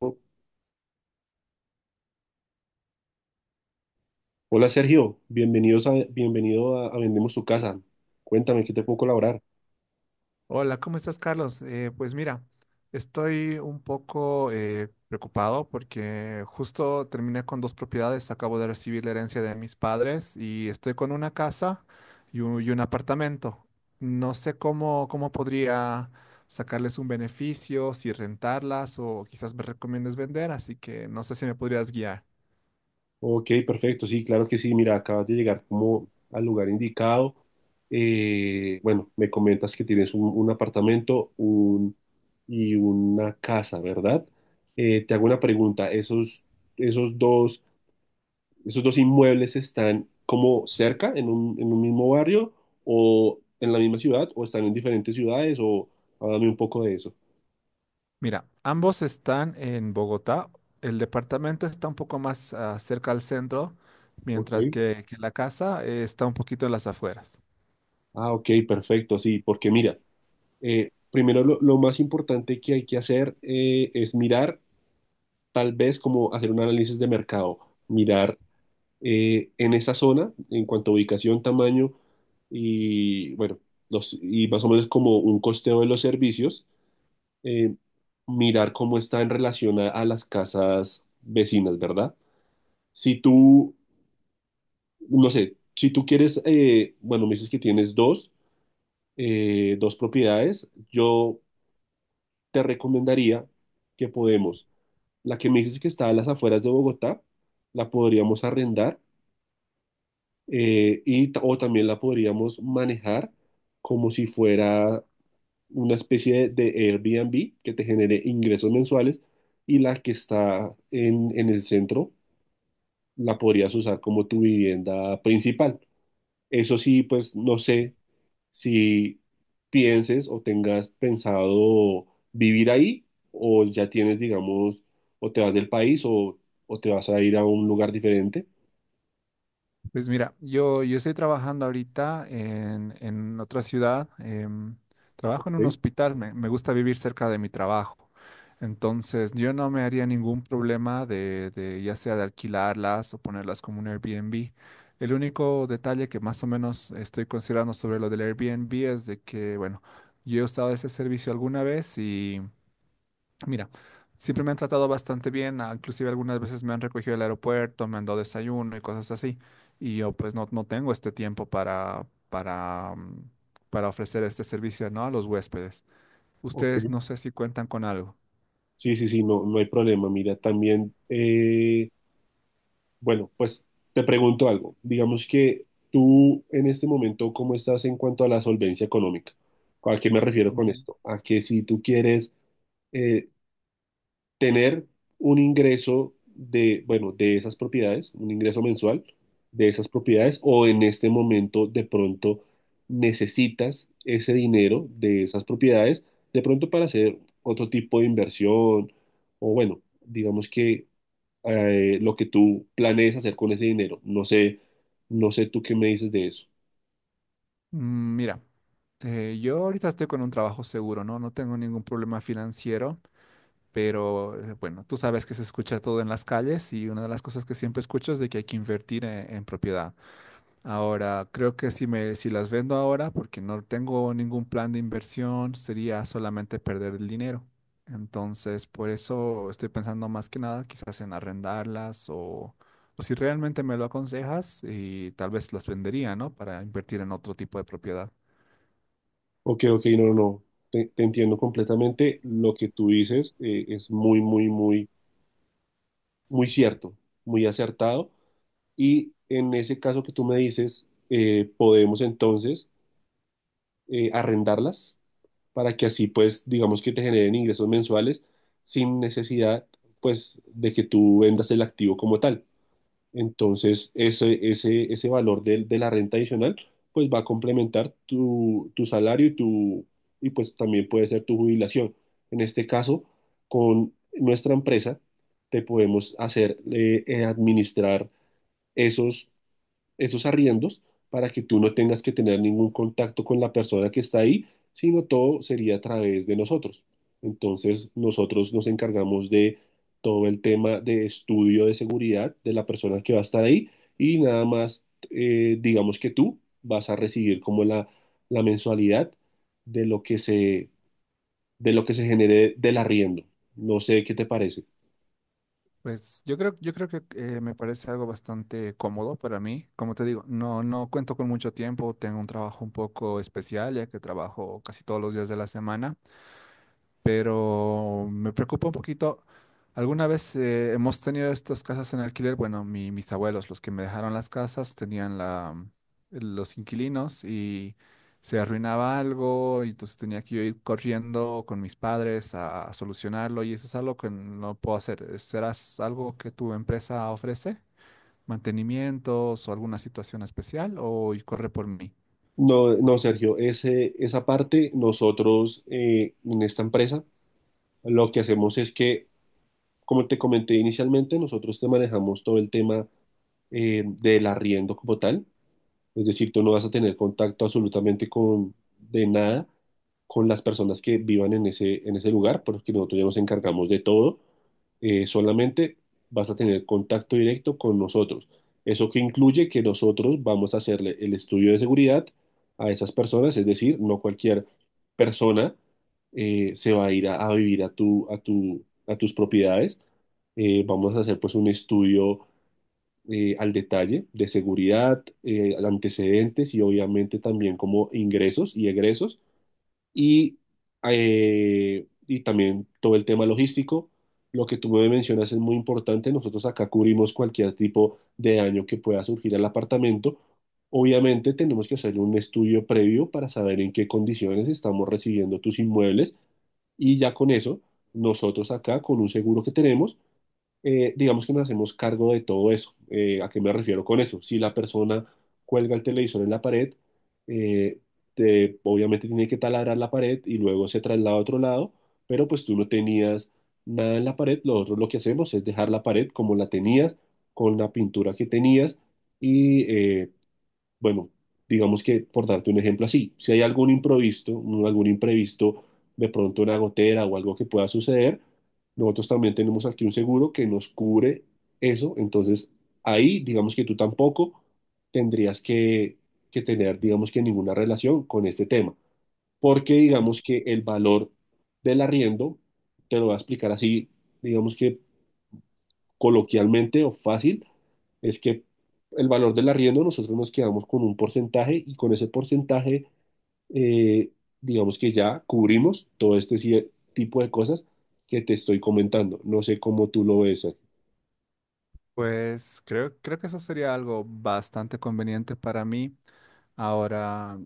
Oh, hola Sergio, bienvenido a Vendemos tu Casa. Cuéntame, ¿qué te puedo colaborar? Hola, ¿cómo estás, Carlos? Pues mira, estoy un poco preocupado porque justo terminé con dos propiedades, acabo de recibir la herencia de mis padres y estoy con una casa y un apartamento. No sé cómo podría sacarles un beneficio, si rentarlas o quizás me recomiendes vender, así que no sé si me podrías guiar. Ok, perfecto, sí, claro que sí. Mira, acabas de llegar como al lugar indicado. Bueno, me comentas que tienes un apartamento un, y una casa, ¿verdad? Te hago una pregunta. Esos dos, esos dos inmuebles están como cerca, en un mismo barrio, o en la misma ciudad, o están en diferentes ciudades, o háblame un poco de eso. Mira, ambos están en Bogotá. El departamento está un poco más cerca al centro, Ok. mientras que la casa está un poquito en las afueras. Ah, ok, perfecto, sí, porque mira, primero lo más importante que hay que hacer es mirar, tal vez como hacer un análisis de mercado, mirar en esa zona, en cuanto a ubicación, tamaño y, bueno, los, y más o menos como un costeo de los servicios, eh, mirar cómo está en relación a las casas vecinas, ¿verdad? Si tú, no sé, si tú quieres, bueno, me dices que tienes dos dos propiedades. Yo te recomendaría que podemos, la que me dices que está a las afueras de Bogotá, la podríamos arrendar y, o también la podríamos manejar como si fuera una especie de Airbnb que te genere ingresos mensuales, y la que está en el centro la podrías usar como tu vivienda principal. Eso sí, pues no sé si pienses o tengas pensado vivir ahí, o ya tienes, digamos, o te vas del país, o te vas a ir a un lugar diferente. Pues mira, yo estoy trabajando ahorita en otra ciudad. Trabajo en un Ok, hospital, me gusta vivir cerca de mi trabajo. Entonces, yo no me haría ningún problema de ya sea de alquilarlas o ponerlas como un Airbnb. El único detalle que más o menos estoy considerando sobre lo del Airbnb es de que, bueno, yo he usado ese servicio alguna vez. Mira, siempre me han tratado bastante bien, inclusive algunas veces me han recogido del aeropuerto, me han dado desayuno y cosas así. Y yo pues no, no tengo este tiempo para, para, para ofrecer este servicio, ¿no? A los huéspedes. Ustedes ok. no sé si cuentan con algo. Sí, sí, sí, no, no hay problema. Mira, también, bueno, pues te pregunto algo. Digamos que tú en este momento, ¿cómo estás en cuanto a la solvencia económica? ¿A qué me refiero con Mm. esto? A que si tú quieres... eh, tener un ingreso de, bueno, de esas propiedades, un ingreso mensual de esas propiedades, o en este momento de pronto necesitas ese dinero de esas propiedades, de pronto para hacer otro tipo de inversión, o bueno, digamos que lo que tú planees hacer con ese dinero. No sé, no sé tú qué me dices de eso. Mira, yo ahorita estoy con un trabajo seguro, ¿no? No tengo ningún problema financiero, pero bueno, tú sabes que se escucha todo en las calles y una de las cosas que siempre escucho es de que hay que invertir en propiedad. Ahora, creo que si me, si las vendo ahora, porque no tengo ningún plan de inversión, sería solamente perder el dinero. Entonces, por eso estoy pensando más que nada quizás en arrendarlas o si realmente me lo aconsejas y tal vez las vendería, ¿no? Para invertir en otro tipo de propiedad. Ok, ok, no, no, no. Te entiendo completamente. Lo que tú dices es muy, muy, muy, muy cierto, muy acertado. Y en ese caso que tú me dices, podemos entonces arrendarlas para que así pues digamos que te generen ingresos mensuales sin necesidad pues de que tú vendas el activo como tal. Entonces ese valor la renta adicional pues va a complementar tu, tu salario y, tu, y pues también puede ser tu jubilación. En este caso, con nuestra empresa te podemos hacer administrar esos esos arriendos para que tú no tengas que tener ningún contacto con la persona que está ahí, sino todo sería a través de nosotros. Entonces, nosotros nos encargamos de todo el tema de estudio de seguridad de la persona que va a estar ahí y nada más, digamos que tú vas a recibir como la mensualidad de de lo que se genere del arriendo. No sé qué te parece. Pues yo creo que me parece algo bastante cómodo para mí. Como te digo, no, no cuento con mucho tiempo, tengo un trabajo un poco especial, ya que trabajo casi todos los días de la semana. Pero me preocupa un poquito. Alguna vez hemos tenido estas casas en alquiler. Bueno, mis abuelos, los que me dejaron las casas, tenían la, los inquilinos y se arruinaba algo y entonces tenía que yo ir corriendo con mis padres a solucionarlo y eso es algo que no puedo hacer. ¿Serás algo que tu empresa ofrece? ¿Mantenimientos o alguna situación especial o y corre por mí? No, no, Sergio, ese, esa parte nosotros en esta empresa, lo que hacemos es que, como te comenté inicialmente, nosotros te manejamos todo el tema del arriendo como tal. Es decir, tú no vas a tener contacto absolutamente con, de nada con las personas que vivan en ese lugar, porque nosotros ya nos encargamos de todo. Solamente vas a tener contacto directo con nosotros. Eso que incluye que nosotros vamos a hacerle el estudio de seguridad a esas personas, es decir, no cualquier persona se va a ir a vivir a tu, a tu, a tus propiedades. Vamos a hacer pues un estudio al detalle de seguridad, antecedentes, y obviamente también como ingresos y egresos y, y también todo el tema logístico. Lo que tú me mencionas es muy importante. Nosotros acá cubrimos cualquier tipo de daño que pueda surgir al apartamento. Obviamente tenemos que hacer un estudio previo para saber en qué condiciones estamos recibiendo tus inmuebles, y ya con eso, nosotros acá con un seguro que tenemos, digamos que nos hacemos cargo de todo eso. ¿A qué me refiero con eso? Si la persona cuelga el televisor en la pared, eh, obviamente tiene que taladrar la pared y luego se traslada a otro lado, pero pues tú no tenías nada en la pared. Nosotros lo que hacemos es dejar la pared como la tenías, con la pintura que tenías, y bueno, digamos que, por darte un ejemplo así, si hay algún imprevisto, algún imprevisto, de pronto una gotera o algo que pueda suceder, nosotros también tenemos aquí un seguro que nos cubre eso, entonces ahí, digamos que tú tampoco tendrías que tener, digamos que ninguna relación con este tema, porque Mm. digamos que el valor del arriendo, te lo voy a explicar así, digamos que coloquialmente o fácil, es que el valor del arriendo nosotros nos quedamos con un porcentaje, y con ese porcentaje, eh, digamos que ya cubrimos todo este tipo de cosas que te estoy comentando. No sé cómo tú lo ves, Sergio. Pues creo que eso sería algo bastante conveniente para mí. Ahora,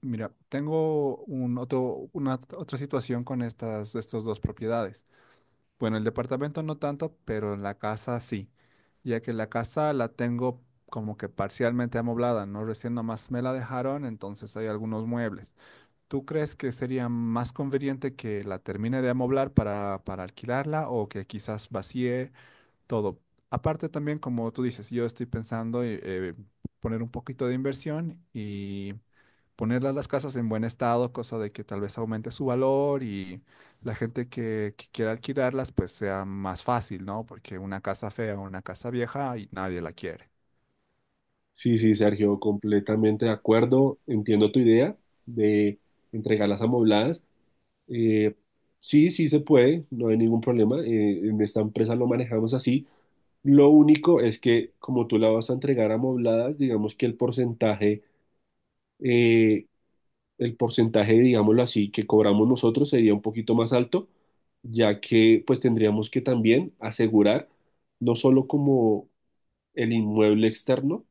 mira, tengo un otro, una otra situación con estas, estos dos propiedades. Bueno, el departamento no tanto, pero la casa sí, ya que la casa la tengo como que parcialmente amoblada, ¿no? Recién nomás me la dejaron, entonces hay algunos muebles. ¿Tú crees que sería más conveniente que la termine de amoblar para alquilarla o que quizás vacíe todo? Aparte también, como tú dices, yo estoy pensando poner un poquito de inversión y ponerlas las casas en buen estado, cosa de que tal vez aumente su valor y la gente que quiera alquilarlas, pues sea más fácil, ¿no? Porque una casa fea, una casa vieja y nadie la quiere. Sí, sí, Sergio, completamente de acuerdo. Entiendo tu idea de entregar las amobladas. Eh, sí, sí se puede, no hay ningún problema. En esta empresa lo manejamos así. Lo único es que como tú la vas a entregar amobladas, digamos que eh, el porcentaje, digámoslo así, que cobramos nosotros sería un poquito más alto, ya que pues tendríamos que también asegurar no solo como el inmueble externo,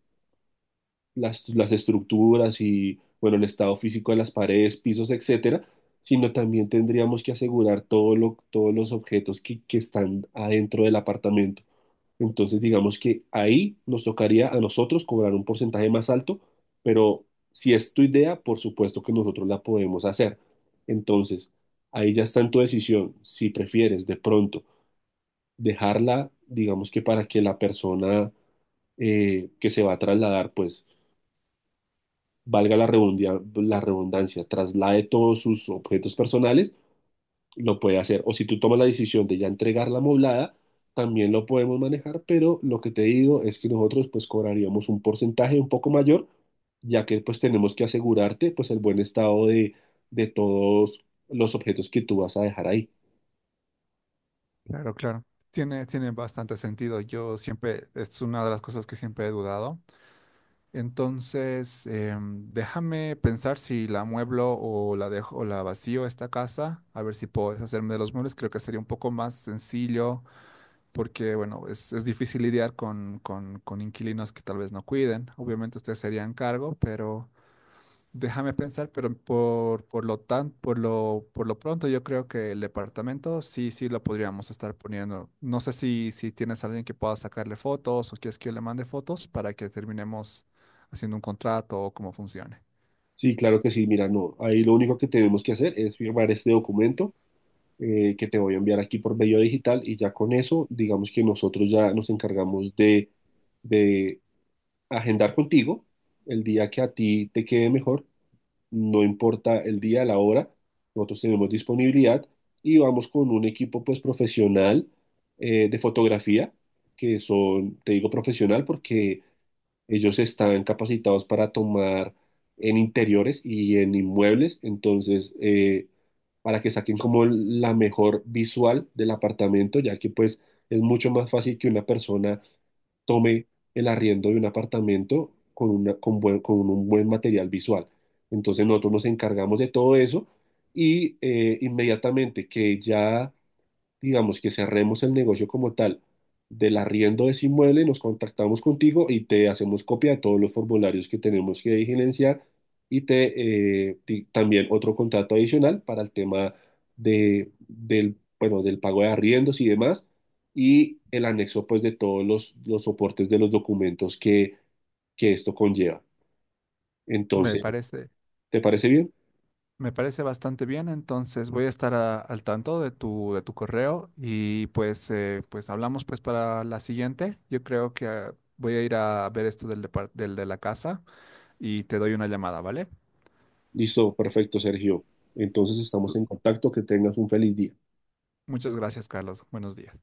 las estructuras y, bueno, el estado físico de las paredes, pisos, etcétera, sino también tendríamos que asegurar todos los objetos que están adentro del apartamento. Entonces, digamos que ahí nos tocaría a nosotros cobrar un porcentaje más alto, pero si es tu idea, por supuesto que nosotros la podemos hacer. Entonces, ahí ya está en tu decisión. Si prefieres de pronto dejarla, digamos que para que la persona que se va a trasladar, pues la redundancia, traslade todos sus objetos personales, lo puede hacer. O si tú tomas la decisión de ya entregar la moblada, también lo podemos manejar, pero lo que te digo es que nosotros pues cobraríamos un porcentaje un poco mayor, ya que pues tenemos que asegurarte pues el buen estado de todos los objetos que tú vas a dejar ahí. Claro, claro. Tiene bastante sentido. Yo siempre, es una de las cosas que siempre he dudado. Entonces, déjame pensar si la mueblo o la dejo o la vacío esta casa, a ver si puedo deshacerme de los muebles. Creo que sería un poco más sencillo porque, bueno, es difícil lidiar con, con inquilinos que tal vez no cuiden. Obviamente ustedes se harían cargo, pero déjame pensar, pero por lo tan, por lo pronto yo creo que el departamento sí, sí lo podríamos estar poniendo. No sé si, si tienes a alguien que pueda sacarle fotos o quieres que yo le mande fotos para que terminemos haciendo un contrato o cómo funcione. Sí, claro que sí, mira, no, ahí lo único que tenemos que hacer es firmar este documento que te voy a enviar aquí por medio digital, y ya con eso, digamos que nosotros ya nos encargamos de agendar contigo el día que a ti te quede mejor, no importa el día, la hora, nosotros tenemos disponibilidad y vamos con un equipo pues profesional de fotografía, que son, te digo profesional porque ellos estaban capacitados para tomar en interiores y en inmuebles, entonces, para que saquen como la mejor visual del apartamento, ya que pues es mucho más fácil que una persona tome el arriendo de un apartamento con un buen material visual. Entonces nosotros nos encargamos de todo eso, y inmediatamente que ya, digamos, que cerremos el negocio como tal del arriendo de ese inmueble, nos contactamos contigo y te hacemos copia de todos los formularios que tenemos que diligenciar, y te también otro contrato adicional para el tema de, del, bueno, del pago de arriendos y demás, y el anexo pues de todos los soportes de los documentos que esto conlleva. Me Entonces, parece. ¿te parece bien? Me parece bastante bien, entonces voy a estar al tanto de tu correo y pues, pues hablamos pues para la siguiente. Yo creo que voy a ir a ver esto del, del de la casa y te doy una llamada, ¿vale? Listo, perfecto, Sergio. Entonces estamos en contacto, que tengas un feliz día. Muchas gracias, Carlos. Buenos días.